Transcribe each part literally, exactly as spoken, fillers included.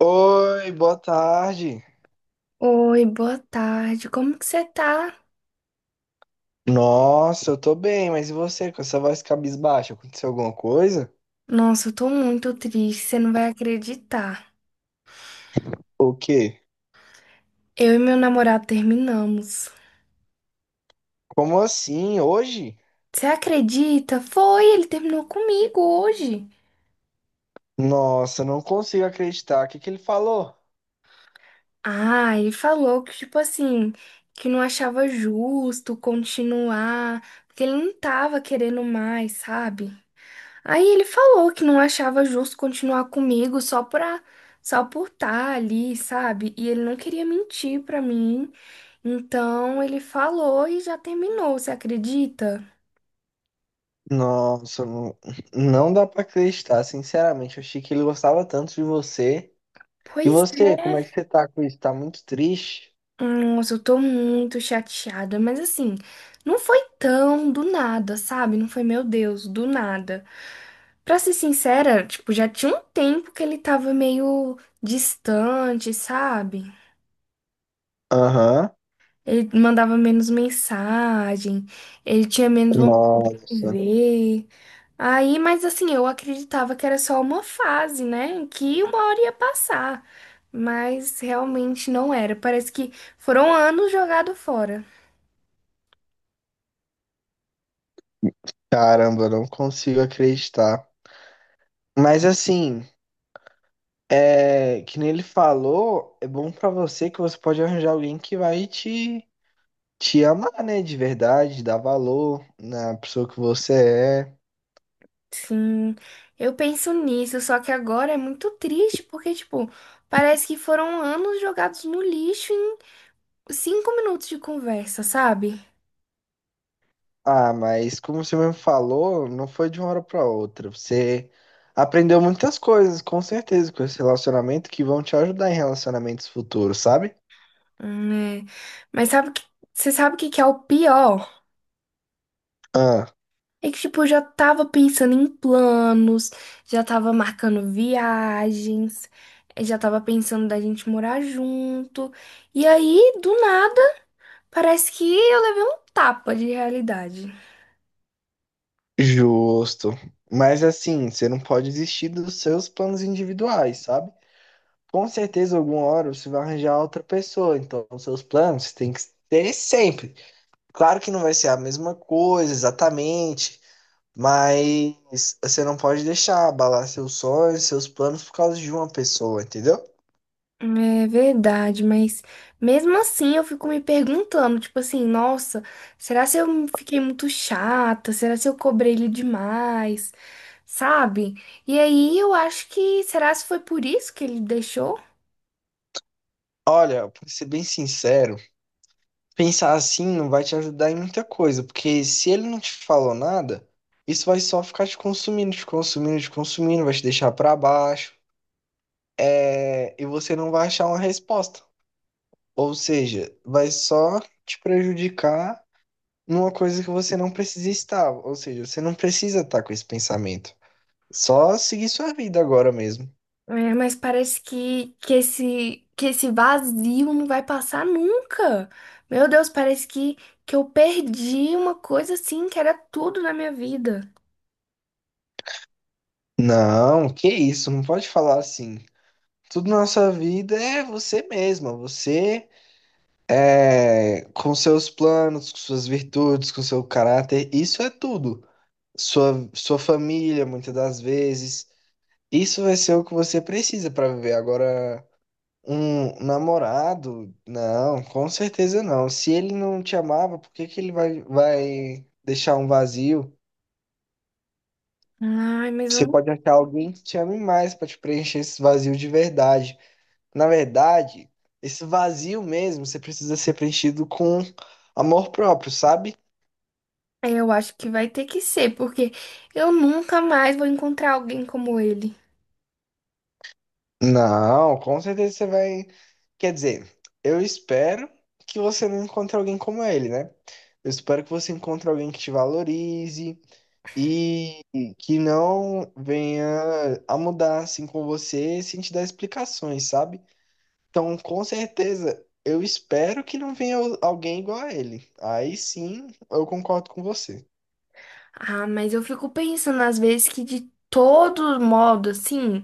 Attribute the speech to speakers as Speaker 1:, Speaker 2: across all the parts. Speaker 1: Oi, boa tarde.
Speaker 2: Oi, boa tarde. Como que você tá?
Speaker 1: Nossa, eu tô bem, mas e você com essa voz cabisbaixa? Aconteceu alguma coisa?
Speaker 2: Nossa, eu tô muito triste, você não vai acreditar.
Speaker 1: O quê?
Speaker 2: Eu e meu namorado terminamos.
Speaker 1: Como assim? Hoje?
Speaker 2: Você acredita? Foi, ele terminou comigo hoje.
Speaker 1: Nossa, eu não consigo acreditar. O que que ele falou?
Speaker 2: Ah, ele falou que, tipo assim, que não achava justo continuar, porque ele não tava querendo mais, sabe? Aí ele falou que não achava justo continuar comigo só pra, só por estar ali, sabe? E ele não queria mentir pra mim. Então ele falou e já terminou, você acredita?
Speaker 1: Nossa, não, não dá pra acreditar, sinceramente. Eu achei que ele gostava tanto de você. E
Speaker 2: Pois
Speaker 1: você, como é que
Speaker 2: é.
Speaker 1: você tá com isso? Tá muito triste?
Speaker 2: Nossa, eu tô muito chateada, mas assim, não foi tão do nada, sabe? Não foi, meu Deus, do nada. Pra ser sincera, tipo, já tinha um tempo que ele tava meio distante, sabe?
Speaker 1: Aham.
Speaker 2: Ele mandava menos mensagem, ele tinha menos vontade de
Speaker 1: Nossa,
Speaker 2: ver. Aí, mas assim, eu acreditava que era só uma fase, né? Que uma hora ia passar. Mas realmente não era. Parece que foram anos jogados fora.
Speaker 1: caramba, eu não consigo acreditar. Mas assim. É, que nem ele falou, é bom pra você que você pode arranjar alguém que vai te, te amar, né? De verdade, dar valor na pessoa que você é.
Speaker 2: Sim, eu penso nisso, só que agora é muito triste, porque, tipo, parece que foram anos jogados no lixo em cinco minutos de conversa, sabe?
Speaker 1: Ah, mas como você mesmo falou, não foi de uma hora pra outra. Você aprendeu muitas coisas, com certeza, com esse relacionamento que vão te ajudar em relacionamentos futuros, sabe?
Speaker 2: Hum, é. Mas sabe que, você sabe o que que é o pior?
Speaker 1: Ah,
Speaker 2: É que, tipo, eu já tava pensando em planos, já tava marcando viagens, eh, já tava pensando da gente morar junto. E aí, do nada, parece que eu levei um tapa de realidade.
Speaker 1: justo. Mas assim, você não pode desistir dos seus planos individuais, sabe? Com certeza, alguma hora você vai arranjar outra pessoa. Então, os seus planos tem que ter sempre. Claro que não vai ser a mesma coisa exatamente, mas você não pode deixar abalar seus sonhos, seus planos por causa de uma pessoa, entendeu?
Speaker 2: É verdade, mas mesmo assim eu fico me perguntando, tipo assim, nossa, será se eu fiquei muito chata? Será se eu cobrei ele demais? Sabe? E aí eu acho que, será se foi por isso que ele deixou?
Speaker 1: Olha, pra ser bem sincero, pensar assim não vai te ajudar em muita coisa, porque se ele não te falou nada, isso vai só ficar te consumindo, te consumindo, te consumindo, vai te deixar pra baixo, é, e você não vai achar uma resposta. Ou seja, vai só te prejudicar numa coisa que você não precisa estar. Ou seja, você não precisa estar com esse pensamento. Só seguir sua vida agora mesmo.
Speaker 2: É, mas parece que, que esse, que esse vazio não vai passar nunca. Meu Deus, parece que, que eu perdi uma coisa assim que era tudo na minha vida.
Speaker 1: Não, que isso, não pode falar assim. Tudo na sua vida é você mesma, você é, com seus planos, com suas virtudes, com seu caráter, isso é tudo. Sua, sua família, muitas das vezes, isso vai ser o que você precisa para viver. Agora, um namorado? Não, com certeza não. Se ele não te amava, por que que ele vai, vai deixar um vazio?
Speaker 2: Ai, mas
Speaker 1: Você
Speaker 2: eu,
Speaker 1: pode achar alguém que te ame mais para te preencher esse vazio de verdade. Na verdade, esse vazio mesmo, você precisa ser preenchido com amor próprio, sabe?
Speaker 2: eu acho que vai ter que ser, porque eu nunca mais vou encontrar alguém como ele.
Speaker 1: Não, com certeza você vai. Quer dizer, eu espero que você não encontre alguém como ele, né? Eu espero que você encontre alguém que te valorize e que não venha a mudar assim com você sem te dar explicações, sabe? Então, com certeza, eu espero que não venha alguém igual a ele. Aí sim, eu concordo com você.
Speaker 2: Ah, mas eu fico pensando às vezes que de todo modo, assim,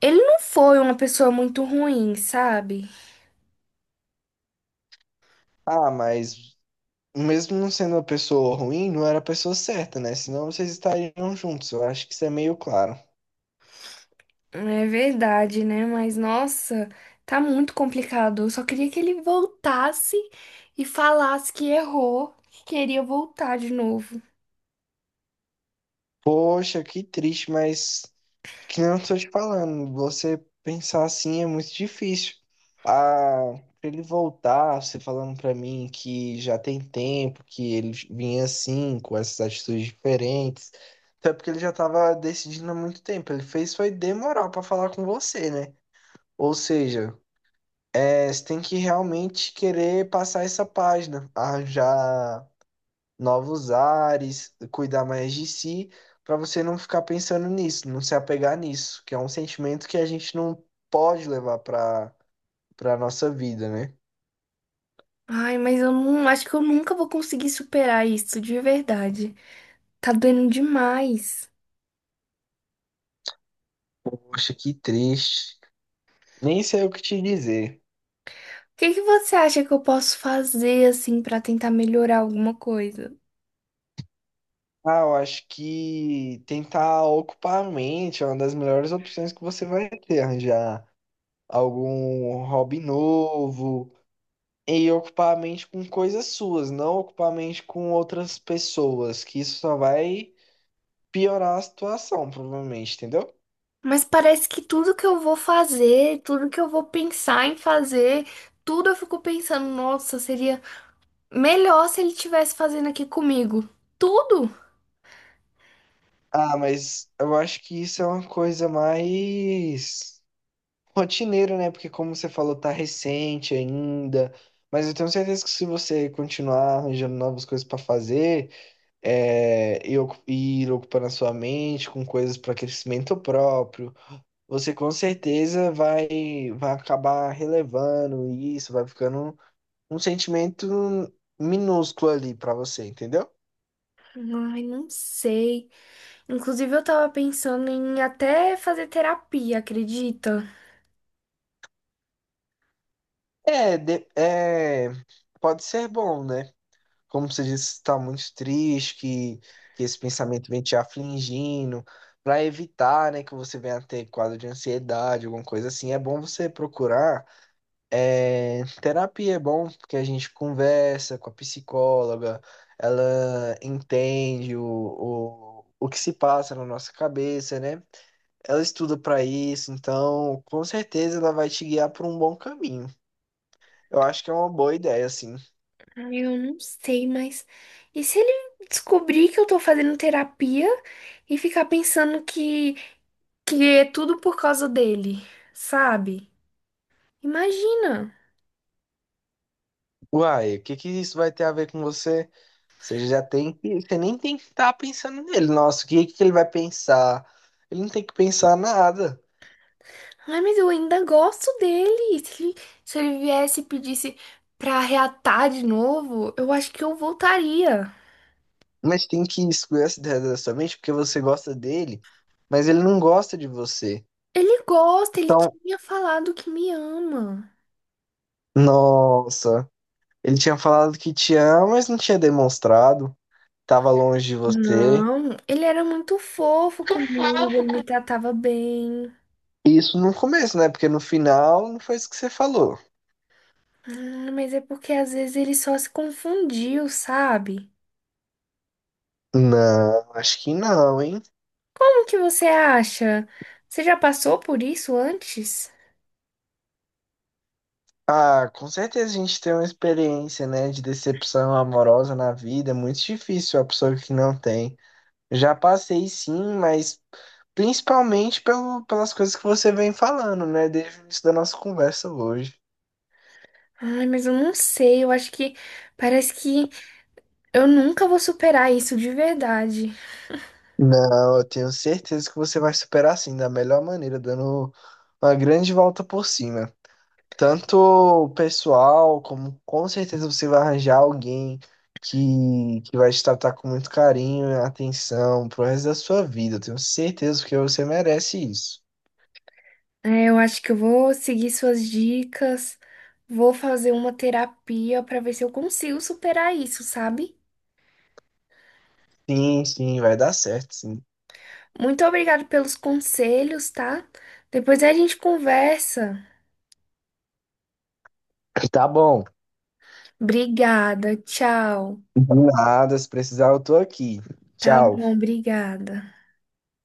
Speaker 2: ele não foi uma pessoa muito ruim, sabe?
Speaker 1: Ah, mas mesmo não sendo uma pessoa ruim, não era a pessoa certa, né? Senão vocês estariam juntos. Eu acho que isso é meio claro.
Speaker 2: É verdade, né? Mas nossa, tá muito complicado. Eu só queria que ele voltasse e falasse que errou, que queria voltar de novo.
Speaker 1: Poxa, que triste, mas que nem eu estou te falando, você pensar assim é muito difícil. Ah, pra ele voltar, você falando pra mim que já tem tempo, que ele vinha assim, com essas atitudes diferentes. Até porque ele já estava decidindo há muito tempo. Ele fez foi demorar pra falar com você, né? Ou seja, é, você tem que realmente querer passar essa página, arranjar novos ares, cuidar mais de si, para você não ficar pensando nisso, não se apegar nisso, que é um sentimento que a gente não pode levar para para nossa vida, né?
Speaker 2: Ai, mas eu não acho que eu nunca vou conseguir superar isso, de verdade. Tá doendo demais.
Speaker 1: Poxa, que triste. Nem sei o que te dizer.
Speaker 2: O que que você acha que eu posso fazer assim pra tentar melhorar alguma coisa?
Speaker 1: Ah, eu acho que tentar ocupar a mente é uma das melhores opções que você vai ter, arranjar algum hobby novo e ocupar a mente com coisas suas, não ocupar a mente com outras pessoas, que isso só vai piorar a situação, provavelmente, entendeu?
Speaker 2: Mas parece que tudo que eu vou fazer, tudo que eu vou pensar em fazer, tudo eu fico pensando, nossa, seria melhor se ele tivesse fazendo aqui comigo. Tudo?
Speaker 1: Ah, mas eu acho que isso é uma coisa mais rotineira, né? Porque como você falou, tá recente ainda. Mas eu tenho certeza que se você continuar arranjando novas coisas pra fazer, é, e ocu- e ir ocupando a sua mente com coisas para crescimento próprio, você com certeza vai, vai acabar relevando isso, vai ficando um sentimento minúsculo ali pra você, entendeu?
Speaker 2: Ai, não sei. Inclusive, eu tava pensando em até fazer terapia, acredita?
Speaker 1: É, de- é, pode ser bom, né? Como você disse, está muito triste, que, que esse pensamento vem te afligindo, para evitar, né, que você venha a ter quadro de ansiedade, alguma coisa assim. É bom você procurar. É, terapia é bom porque a gente conversa com a psicóloga, ela entende o, o, o que se passa na nossa cabeça, né? Ela estuda para isso, então com certeza ela vai te guiar por um bom caminho. Eu acho que é uma boa ideia, assim.
Speaker 2: Ai, eu não sei, mas. E se ele descobrir que eu tô fazendo terapia e ficar pensando que, que é tudo por causa dele, sabe? Imagina.
Speaker 1: Uai, o que que isso vai ter a ver com você? Você já tem que, você nem tem que estar pensando nele. Nossa, o que que ele vai pensar? Ele não tem que pensar nada.
Speaker 2: Ai, mas eu ainda gosto dele. Se ele, se ele viesse e pedisse pra reatar de novo, eu acho que eu voltaria.
Speaker 1: Mas tem que excluir essa ideia da sua mente porque você gosta dele, mas ele não gosta de você.
Speaker 2: Ele gosta, ele
Speaker 1: Então,
Speaker 2: tinha falado que me ama.
Speaker 1: nossa, ele tinha falado que te ama, mas não tinha demonstrado. Tava longe de você.
Speaker 2: Não, ele era muito fofo comigo, ele me tratava bem.
Speaker 1: Isso no começo, né? Porque no final não foi isso que você falou.
Speaker 2: Ah, mas é porque às vezes ele só se confundiu, sabe?
Speaker 1: Não, acho que não, hein?
Speaker 2: Como que você acha? Você já passou por isso antes?
Speaker 1: Ah, com certeza a gente tem uma experiência, né, de decepção amorosa na vida, é muito difícil a pessoa que não tem. Já passei sim, mas principalmente pelo, pelas coisas que você vem falando, né, desde o início da nossa conversa hoje.
Speaker 2: Ai, mas eu não sei, eu acho que parece que eu nunca vou superar isso de verdade.
Speaker 1: Não, eu tenho certeza que você vai superar sim, da melhor maneira, dando uma grande volta por cima. Tanto o pessoal, como com certeza você vai arranjar alguém que, que vai te tratar com muito carinho e atenção pro resto da sua vida. Eu tenho certeza, porque você merece isso.
Speaker 2: É, eu acho que eu vou seguir suas dicas, vou fazer uma terapia pra ver se eu consigo superar isso, sabe?
Speaker 1: Sim, sim, vai dar certo, sim.
Speaker 2: Muito obrigada pelos conselhos, tá? Depois a gente conversa.
Speaker 1: Tá bom.
Speaker 2: Obrigada, tchau.
Speaker 1: De nada, se precisar, eu tô aqui.
Speaker 2: Tá
Speaker 1: Tchau.
Speaker 2: bom, obrigada.